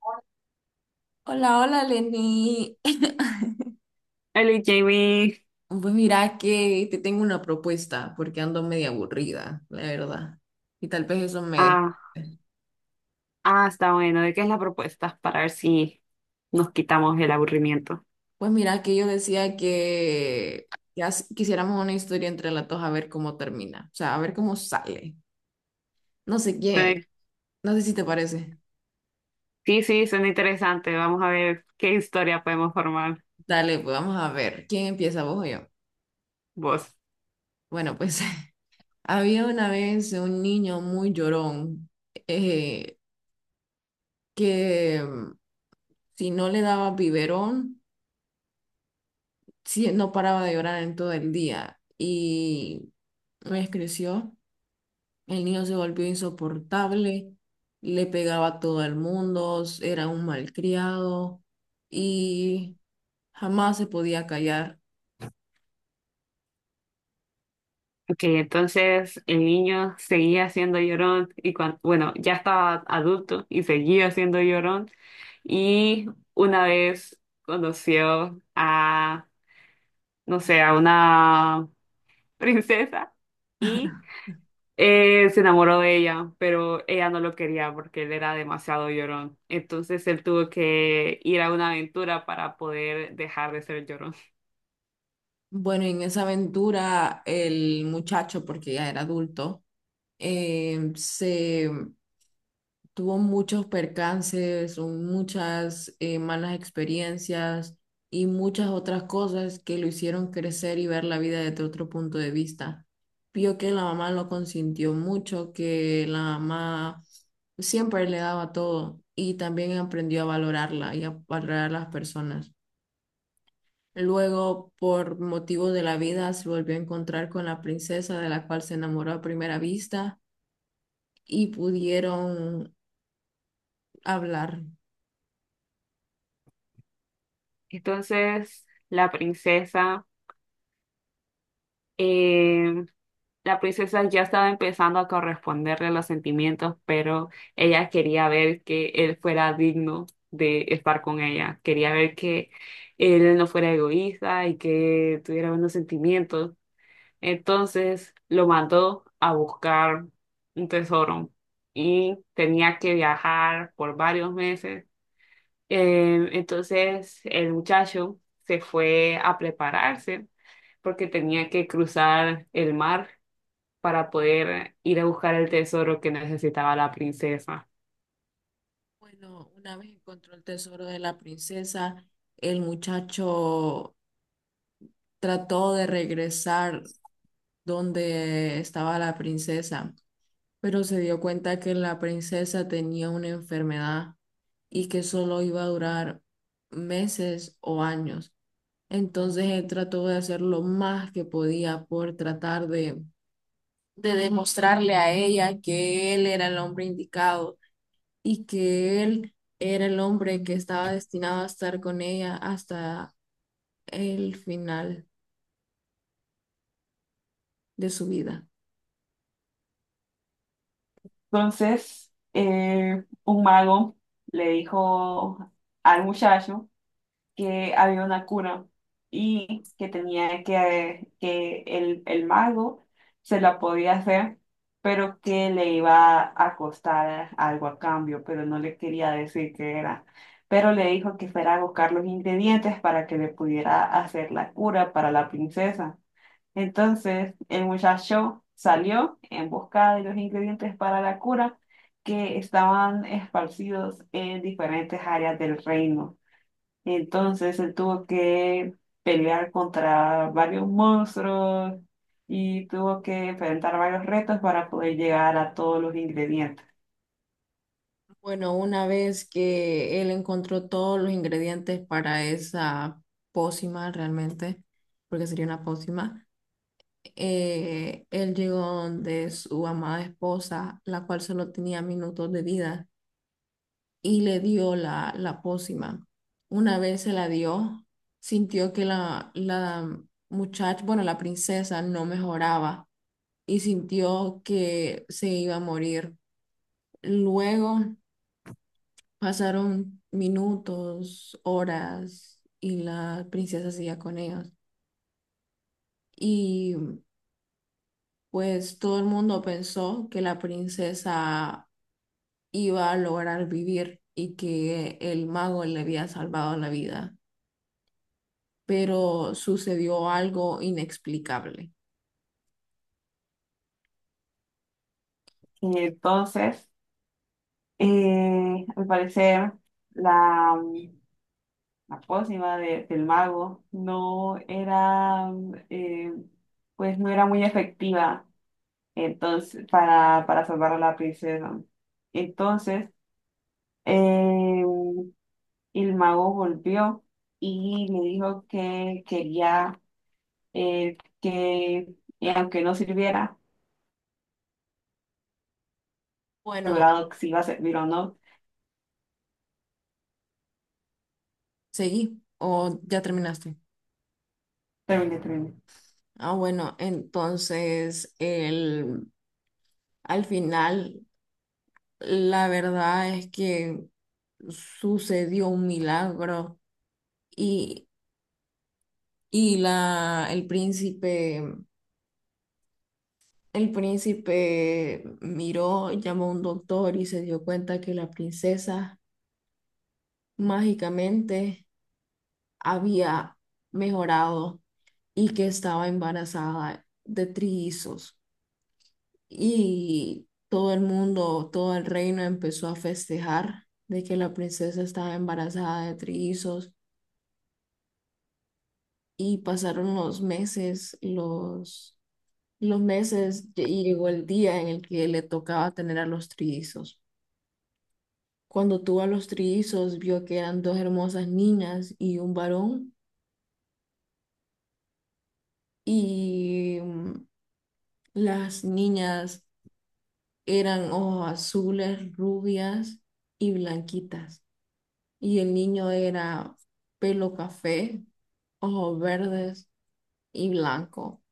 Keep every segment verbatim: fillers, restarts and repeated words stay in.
Hola, Hola, hola, Lenny. Jamie. Pues mira que te tengo una propuesta porque ando media aburrida, la verdad. Y tal vez eso me Ah, despierte. ah, está bueno. ¿De qué es la propuesta? Para ver si nos quitamos el aburrimiento. Pues mira que yo decía que ya s- quisiéramos una historia entre las dos a ver cómo termina, o sea, a ver cómo sale. No sé qué, Sí, no sé si te parece. sí, sí, suena interesante. Vamos a ver qué historia podemos formar Dale, pues vamos a ver. ¿Quién empieza, vos o yo? vos. Bueno, pues había una vez un niño muy llorón eh, que mm, si no le daba biberón sí, no paraba de llorar en todo el día y pues creció, el niño se volvió insoportable, le pegaba a todo el mundo, era un malcriado y jamás se podía callar. Ok, entonces el niño seguía siendo llorón y cuando, bueno, ya estaba adulto y seguía siendo llorón y una vez conoció a, no sé, a una princesa y Eh, se enamoró de ella, pero ella no lo quería porque él era demasiado llorón. Entonces él tuvo que ir a una aventura para poder dejar de ser llorón. Bueno, en esa aventura el muchacho, porque ya era adulto, eh, se tuvo muchos percances, un- muchas eh, malas experiencias y muchas otras cosas que lo hicieron crecer y ver la vida desde otro punto de vista. Vio que la mamá lo consintió mucho, que la mamá siempre le daba todo y también aprendió a valorarla y a valorar a las personas. Luego, por motivos de la vida, se volvió a encontrar con la princesa de la cual se enamoró a primera vista y pudieron hablar. Entonces la princesa, eh, la princesa ya estaba empezando a corresponderle los sentimientos, pero ella quería ver que él fuera digno de estar con ella. Quería ver que él no fuera egoísta y que tuviera buenos sentimientos. Entonces lo mandó a buscar un tesoro y tenía que viajar por varios meses. Eh, entonces el muchacho se fue a prepararse porque tenía que cruzar el mar para poder ir a buscar el tesoro que necesitaba la princesa. Bueno, una vez encontró el tesoro de la princesa, el muchacho trató de regresar donde estaba la princesa, pero se dio cuenta que la princesa tenía una enfermedad y que solo iba a durar meses o años. Entonces él trató de hacer lo más que podía por tratar de, de demostrarle a ella que él era el hombre indicado y que él era el hombre que estaba destinado a estar con ella hasta el final de su vida. Entonces, eh, un mago le dijo al muchacho que había una cura y que tenía que, que el, el mago se la podía hacer, pero que le iba a costar algo a cambio, pero no le quería decir qué era. Pero le dijo que fuera a buscar los ingredientes para que le pudiera hacer la cura para la princesa. Entonces el muchacho salió en busca de los ingredientes para la cura que estaban esparcidos en diferentes áreas del reino. Entonces él tuvo que pelear contra varios monstruos y tuvo que enfrentar varios retos para poder llegar a todos los ingredientes. Bueno, una vez que él encontró todos los ingredientes para esa pócima realmente, porque sería una pócima, eh, él llegó donde su amada esposa, la cual solo tenía minutos de vida. Y le dio la, la pócima. Una vez se la dio, sintió que la, la muchacha, bueno, la princesa no mejoraba y sintió que se iba a morir. Luego pasaron minutos, horas y la princesa seguía con ellos. Y pues todo el mundo pensó que la princesa iba a lograr vivir y que el mago le había salvado la vida, pero sucedió algo inexplicable. Y entonces, eh, al parecer, la, la pócima de- del mago no era, eh, pues no era muy efectiva entonces, para, para salvar a la princesa. Entonces, eh, y el mago volvió y me dijo que quería eh, que, y aunque no sirviera, Bueno, asegurado que si iba a servir o no. ¿seguí o ya terminaste? Terminé, terminé. Ah, bueno, entonces el, al final la verdad es que sucedió un milagro y, y la, el príncipe, el príncipe miró, llamó a un doctor y se dio cuenta que la princesa mágicamente había mejorado y que estaba embarazada de trillizos. Y todo el mundo, todo el reino empezó a festejar de que la princesa estaba embarazada de trillizos. Y pasaron los meses, los, los meses, y llegó el día en el que le tocaba tener a los trillizos. Cuando tuvo a los trillizos, vio que eran dos hermosas niñas y un varón. Y mm, las niñas eran ojos azules, rubias y blanquitas. Y el niño era pelo café, ojos verdes y blanco.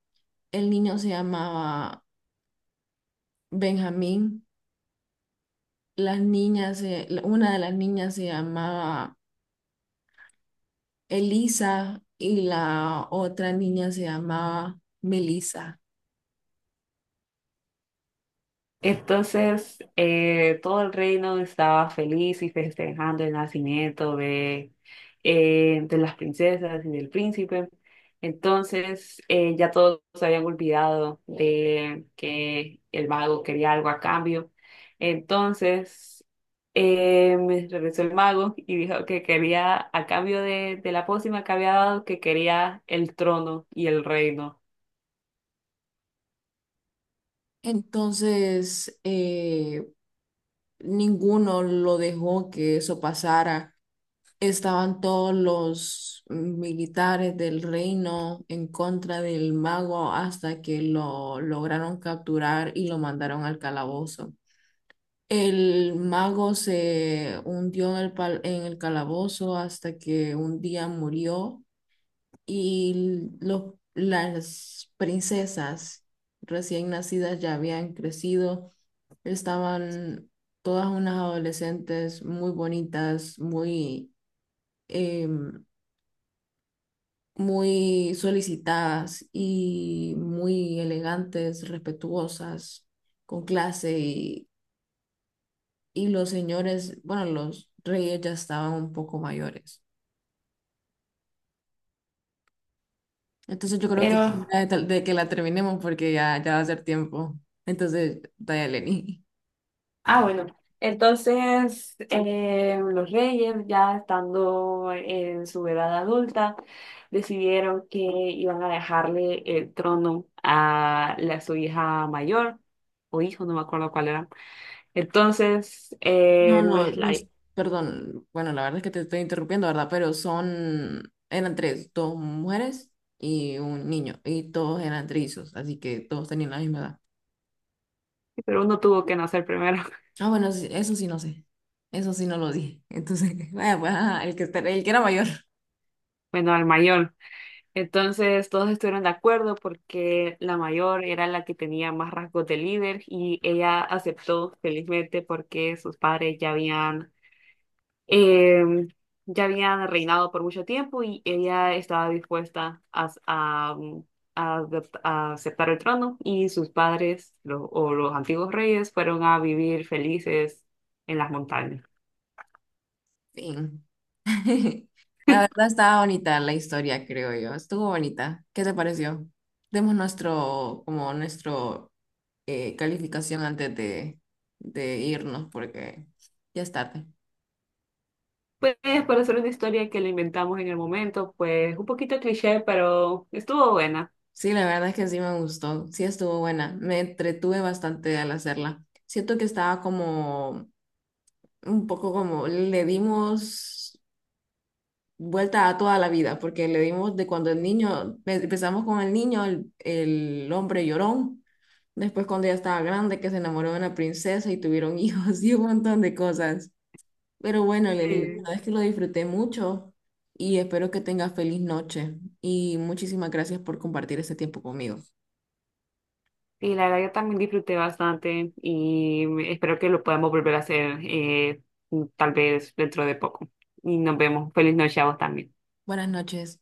El niño se llamaba Benjamín. Las niñas, se- la- una de las niñas se llamaba Elisa y la otra niña se llamaba Melisa. Entonces, eh, todo el reino estaba feliz y festejando el nacimiento de, eh, de las princesas y del príncipe. Entonces, eh, ya todos se habían olvidado de que el mago quería algo a cambio. Entonces, eh, me regresó el mago y dijo que quería, a cambio de, de la pócima que había dado, que quería el trono y el reino. Entonces, eh, ninguno lo dejó que eso pasara. Estaban todos los militares del reino en contra del mago hasta que lo lograron capturar y lo mandaron al calabozo. El mago se hundió en el, pal- en el calabozo hasta que un día murió y lo- las princesas recién nacidas ya habían crecido. Estaban todas unas adolescentes muy bonitas, muy... em, muy solicitadas y muy elegantes, respetuosas, con clase y, y los señores, bueno, los reyes ya estaban un poco mayores. Entonces yo creo que Pero es hora de, tal- de que la terminemos porque ya, ya va a ser tiempo. Entonces, dale, Lenny. ah, bueno. Entonces, eh, los reyes, ya estando en su edad adulta, decidieron que iban a dejarle el trono a la, su hija mayor, o hijo, no me acuerdo cuál era. Entonces, No, eh, no, la- los, perdón, bueno, la verdad es que te estoy interrumpiendo, ¿verdad? Pero son, eran tres, dos mujeres y un niño, y todos eran trillizos, así que todos tenían la misma edad. pero uno tuvo que nacer primero, Ah, bueno, sí, eso sí no sé. Eso sí no lo dije. Entonces, vaya, pues, ajá, el que, está- el que era mayor. bueno, al mayor. Entonces, todos estuvieron de acuerdo porque la mayor era la que tenía más rasgos de líder y ella aceptó felizmente porque sus padres ya habían eh, ya habían reinado por mucho tiempo y ella estaba dispuesta a, a, mm, a adop- a aceptar el trono y sus padres lo- o los antiguos reyes fueron a vivir felices en las montañas. Fin. La verdad estaba bonita la historia, creo yo. Estuvo bonita. ¿Qué te pareció? Demos nuestro, como nuestro, eh, calificación antes de, de irnos, porque ya es tarde. Pues para hacer una historia que la inventamos en el momento, pues un poquito cliché, pero estuvo buena. Sí, la verdad es que sí me gustó. Sí estuvo buena. Me entretuve bastante al hacerla. Siento que estaba como un poco como le dimos vuelta a toda la vida, porque le dimos de cuando el niño, empezamos con el niño, el, el hombre llorón, después cuando ya estaba grande, que se enamoró de una princesa y tuvieron hijos y un montón de cosas. Pero bueno, Lenny, la Sí. verdad es que lo disfruté mucho y espero que tengas feliz noche y muchísimas gracias por compartir este tiempo conmigo. Y la verdad yo también disfruté bastante y espero que lo podamos volver a hacer eh, tal vez dentro de poco. Y nos vemos. Feliz noche a vos también. Buenas noches.